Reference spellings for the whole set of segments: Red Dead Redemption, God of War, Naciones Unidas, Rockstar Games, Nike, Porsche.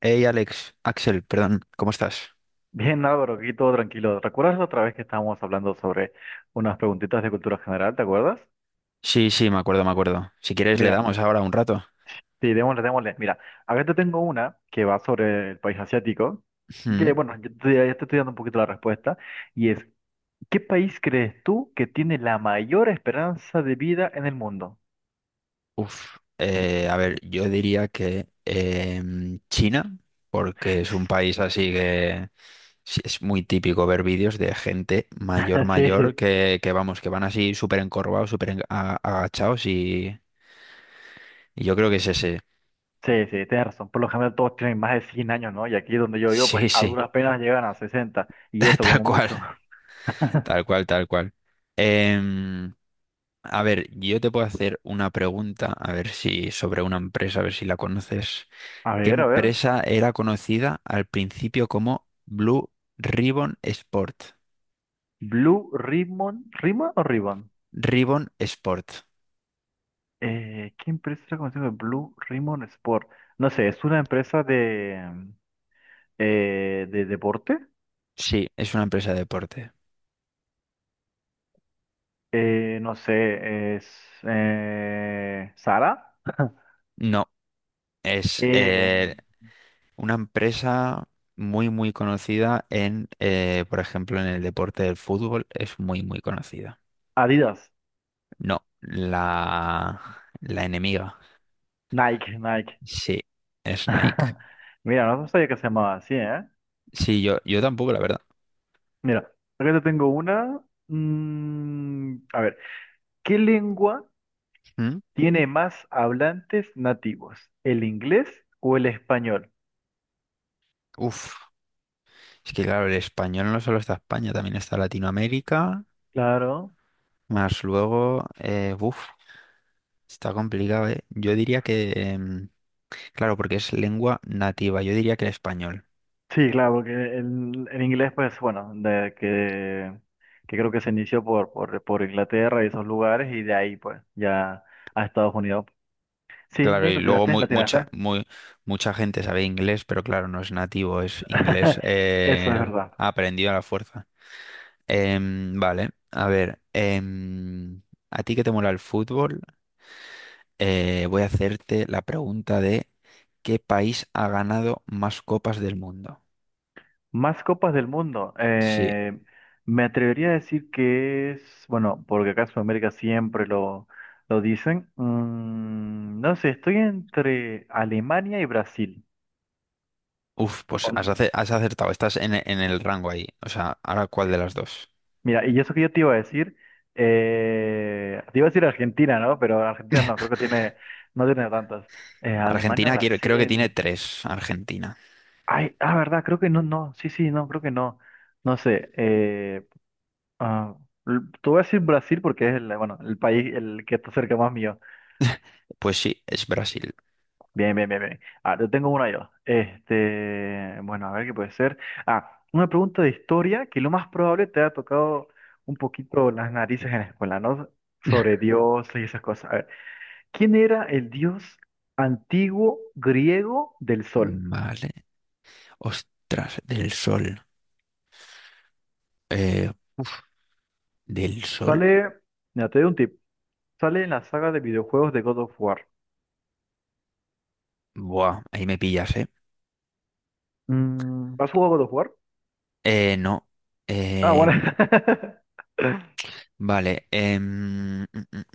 Hey Alex, Axel, perdón, ¿cómo estás? Bien, Álvaro, aquí todo tranquilo. ¿Recuerdas la otra vez que estábamos hablando sobre unas preguntitas de cultura general? ¿Te acuerdas? Sí, sí, me acuerdo, me acuerdo. Si quieres le Mira, damos ahora un rato. sí, démosle, démosle. Mira, acá te tengo una que va sobre el país asiático, que Ujú. bueno, ya te estoy dando un poquito la respuesta, y es, ¿qué país crees tú que tiene la mayor esperanza de vida en el mundo? Uf, a ver, yo diría que China, porque es un país así que sí, es muy típico ver vídeos de gente mayor, mayor, Sí, que vamos, que van así súper encorvados, súper agachados y yo creo que es ese. sí, sí, tienes razón. Por lo general todos tienen más de 100 años, ¿no? Y aquí donde yo vivo, pues Sí, a sí, duras penas llegan a 60 y eso tal como cual, mucho. tal cual, tal cual. Em, A ver, yo te puedo hacer una pregunta, a ver si sobre una empresa, a ver si la conoces. A ¿Qué ver, a ver. empresa era conocida al principio como Blue Ribbon Sport? Blue Ribbon, ¿Ribbon o Ribbon? Ribbon Sport. ¿Qué empresa era conocida como Blue Ribbon Sport? No sé, es una empresa de deporte. Sí, es una empresa de deporte. No sé, es Zara. No, es Eh, una empresa muy, muy conocida en, por ejemplo, en el deporte del fútbol, es muy, muy conocida. Adidas, No, la enemiga. Nike, Nike. Sí, es Nike. Mira, no sabía que se llamaba así, ¿eh? Sí, yo tampoco, la verdad. Mira, acá te tengo una. A ver, ¿qué lengua ¿Mm? tiene más hablantes nativos? ¿El inglés o el español? Uf, es que claro, el español no solo está España, también está Latinoamérica, Claro. más luego, está complicado, ¿eh? Yo diría que, claro, porque es lengua nativa, yo diría que el español. Sí, claro, porque el inglés, pues bueno, que creo que se inició por Inglaterra y esos lugares, y de ahí pues ya a Estados Unidos. Sí, Claro, sí, y lo luego tiraste, muy, lo mucha, tiraste. muy, mucha gente sabe inglés, pero claro, no es nativo, es inglés Eso es verdad. aprendido a la fuerza. Vale, a ver, ¿a ti que te mola el fútbol? Voy a hacerte la pregunta de ¿qué país ha ganado más copas del mundo? Más copas del mundo. Sí. Me atrevería a decir que es, bueno, porque acá en Sudamérica siempre lo dicen. No sé, estoy entre Alemania y Brasil. Uf, pues has, has acertado. Estás en, en el rango ahí. O sea, ahora cuál de las dos. Mira, y eso que yo te iba a decir, te iba a decir Argentina, ¿no? Pero Argentina no, creo que tiene, no tiene tantas. Alemania, Argentina, creo que tiene Brasil. tres. Argentina. Ay, ah, verdad, creo que no, no, sí, sí, no, creo que no. No sé, ah, te voy a decir Brasil porque es el, bueno, el país el que está cerca más mío. Pues sí, es Brasil. Bien, bien, bien, bien. Ah, yo tengo una yo. Este, bueno, a ver qué puede ser. Ah, una pregunta de historia que lo más probable te ha tocado un poquito las narices en la escuela, ¿no? Sobre dioses y esas cosas. A ver, ¿quién era el dios antiguo griego del sol? Vale. Ostras, del sol. Eh, Del sol. Sale, mira, te doy un tip. Sale en la saga de videojuegos de God of War. Buah, ahí me pillas, ¿eh? ¿Has jugado God of War? No. Ah, Eh, bueno. vale. Mm,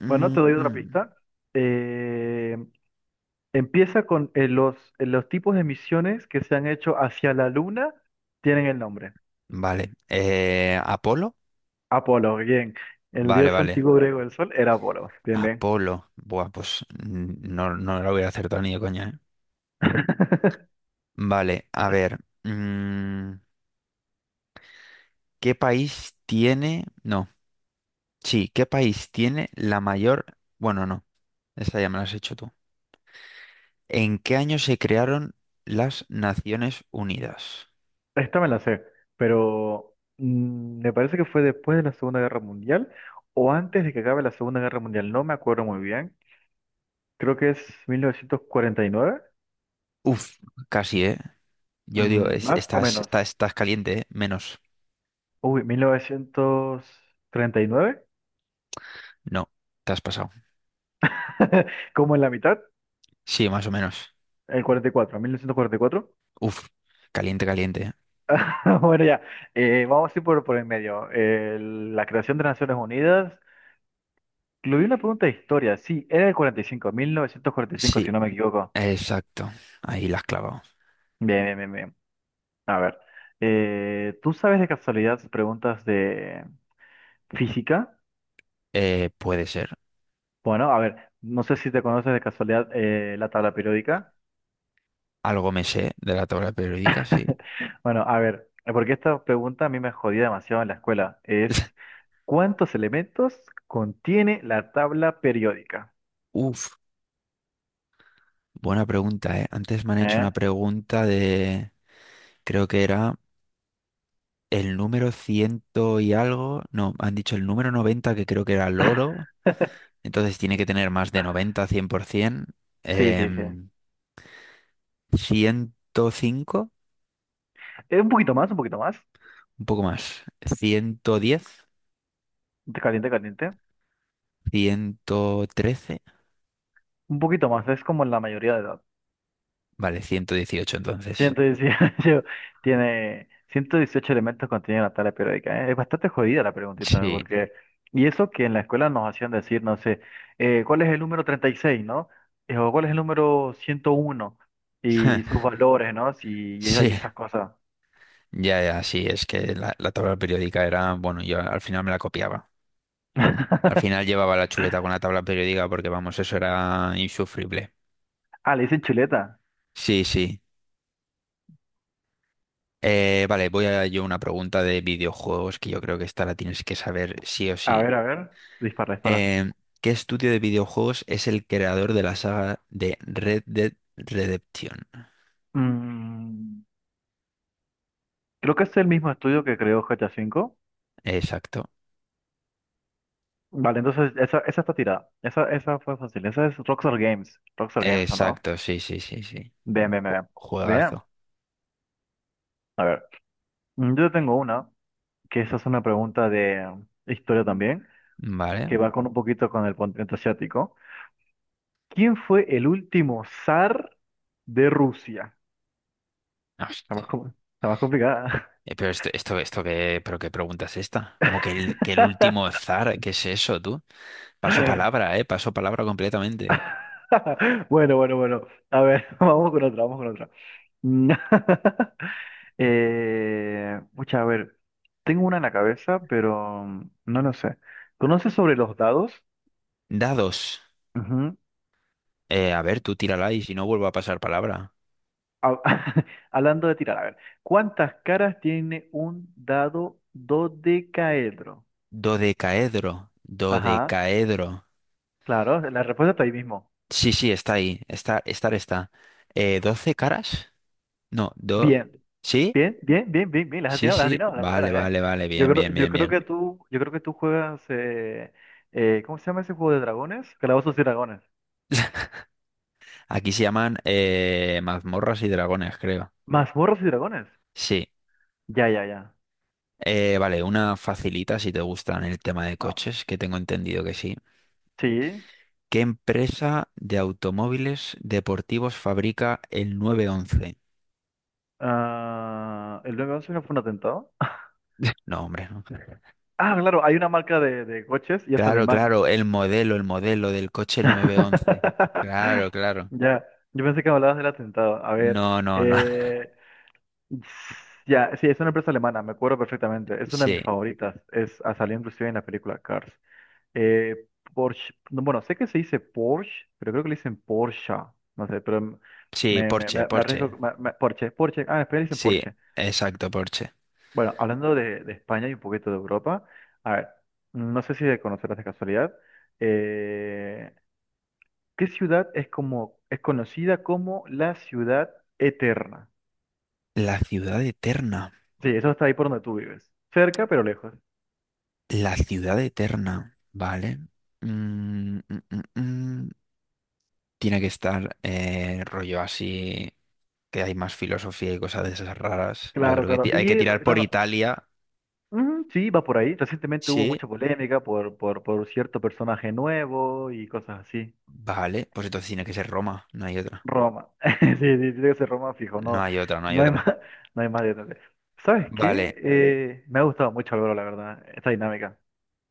mm, Bueno, te doy mm. otra Mm. pista. Eh, Empieza con los tipos de misiones que se han hecho hacia la luna, tienen el nombre. Vale. ¿Apolo? Apolo, bien. El Vale, dios vale. antiguo griego del sol era Apolo. Bien, bien. Apolo. Buah, pues no, no lo voy a acertar ni de coña, ¿eh? Vale, a ver. ¿Qué país tiene? No, sí, ¿qué país tiene la mayor? Bueno, no, esta ya me la has hecho tú. ¿En qué año se crearon las Naciones Unidas? Esta me la sé, pero me parece que fue después de la Segunda Guerra Mundial o antes de que acabe la Segunda Guerra Mundial. No me acuerdo muy bien. Creo que es 1949, Uf, casi, ¿eh? Yo digo, es- más o estás, menos. estás, estás caliente, ¿eh? Menos. Uy, 1939, No, te has pasado. como en la mitad, Sí, más o menos. el 44, 1944. Uf, caliente, caliente, ¿eh? Bueno, ya, vamos a ir por el medio. La creación de Naciones Unidas. Incluí una pregunta de historia. Sí, era el 45, 1945, Sí, si no me equivoco. exacto. Ahí la has clavado. Bien, bien, bien, bien. A ver, ¿tú sabes de casualidad preguntas de física? Puede ser. Bueno, a ver, no sé si te conoces de casualidad, la tabla periódica. Algo me sé de la tabla periódica, sí. Bueno, a ver, porque esta pregunta a mí me jodía demasiado en la escuela. Es, ¿cuántos elementos contiene la tabla periódica? Uf, buena pregunta, ¿eh? Antes me han hecho una ¿Eh? pregunta de, creo que era el número ciento y algo. No, han dicho el número 90, que creo que era el oro. Entonces tiene que tener más de 90, cien por 100%. Sí, sí, sí. Em, ciento cinco. Es un poquito más, un poquito más. Un poco más, 110. Caliente, caliente. 113. Un poquito más, es como la mayoría de edad. Vale, 118 entonces. 118, tiene 118 elementos contiene la tabla periódica. ¿Eh? Es bastante jodida la preguntita, ¿no? Sí, Porque... Y eso que en la escuela nos hacían decir, no sé, ¿cuál es el número 36, no? ¿O cuál es el número 101 y sus valores, no? Sí, y esas sí. cosas. Ya, ya, sí, es que la tabla periódica era, bueno, yo al final me la copiaba. Al final llevaba la chuleta con la tabla periódica porque, vamos, eso era insufrible. Ah, le dicen chuleta. Sí, sí. Vale, voy a yo una pregunta de videojuegos que yo creo que esta la tienes que saber sí o A sí. ver, a ver. Dispara, dispara. Eh, ¿Qué estudio de videojuegos es el creador de la saga de Red Dead Redemption? Mm, Creo que es el mismo estudio que creó GTA V. Exacto, Vale, entonces esa está tirada. Esa fue fácil. Esa es Rockstar Games. Rockstar Games, ¿o no? exacto, sí, sí, sí, sí. Bien, bien, bien. Bien. Juegazo. A ver, yo tengo una, que esa es una pregunta de, historia también, Vale. que va con un poquito con el continente asiático. ¿Quién fue el último zar de Rusia? Ah, Está más, com- Está más complicada. Pero esto, esto qué, pero qué pregunta es esta. Como que que el último zar, ¿qué es eso, tú? Paso palabra completamente. Bueno, bueno, bueno. A ver, vamos con otra, vamos con otra. Mm, pucha, a ver, tengo una en la cabeza, pero no lo sé. ¿Conoces sobre los dados? Dados. Ujú. A ver, tú tírala y si no vuelvo a pasar palabra. Ha- Hablando de tirar, a ver, ¿cuántas caras tiene un dado dodecaedro? Dodecaedro, Ajá, dodecaedro. claro, la respuesta está ahí mismo. Sí, sí, está ahí. Está, estar está. ¿Doce caras? No, do. Bien, ¿Sí? bien, bien, bien, bien, bien, Sí, las has sí. atinado, la Vale, primera, ¿eh? vale, vale. Yo Bien, creo, bien, yo bien, creo bien. que tú, yo creo que tú juegas, ¿cómo se llama ese juego de dragones? Calabozos y dragones. Aquí se llaman mazmorras y dragones, creo. Mazmorras y dragones. Sí. Ya, ya, ya. Vale, una facilita si te gustan el tema de No. coches, que tengo entendido que sí. Sí. ¿Qué empresa de automóviles deportivos fabrica el 911? Ah, ¿el 911 no fue un atentado? No, hombre, no. Ah, claro, hay una marca de coches y es Claro, alemán. claro, el modelo del coche, el 911. Claro, claro. Ya, yo pensé que hablabas del atentado. A ver, No, no, no. eh, ya, sí, es una empresa alemana, me acuerdo perfectamente. Es una de Sí, mis favoritas. Salió inclusive en la película Cars. Eh, Porsche, no, bueno, sé que se dice Porsche, pero creo que le dicen Porsche, no sé, pero m- sí, me, me, Porsche, me, me arriesgo, Porsche. Porsche, Porsche, en España le dicen Sí, Porsche. exacto, Porsche. Bueno, hablando de España y un poquito de Europa, a ver, no sé si de conocerás de casualidad, eh, ¿qué ciudad es como, es conocida como la ciudad eterna? La ciudad eterna. Sí, eso está ahí por donde tú vives, cerca pero lejos. La ciudad eterna, ¿vale? Mm, mm, mm, mm. Tiene que estar rollo así, que hay más filosofía y cosas de esas raras. Yo Claro, creo que claro, hay que y tirar por claro. Italia. Sí, va por ahí. Recientemente hubo Sí, mucha polémica por cierto personaje nuevo y cosas así. vale, pues entonces tiene que ser Roma, no hay otra. Roma. Sí, sí, tiene que ser Roma fijo, No no, hay otra, no hay no hay más, otra. no hay más detalles. ¿Sabes Vale, qué? Me ha gustado mucho, Álvaro, la verdad, esta dinámica.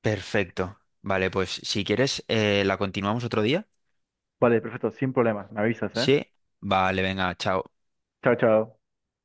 perfecto. Vale, pues si quieres, la continuamos otro día. Vale, perfecto, sin problema. Me avisas, ¿eh? Sí, vale, venga, chao. Chao, chao.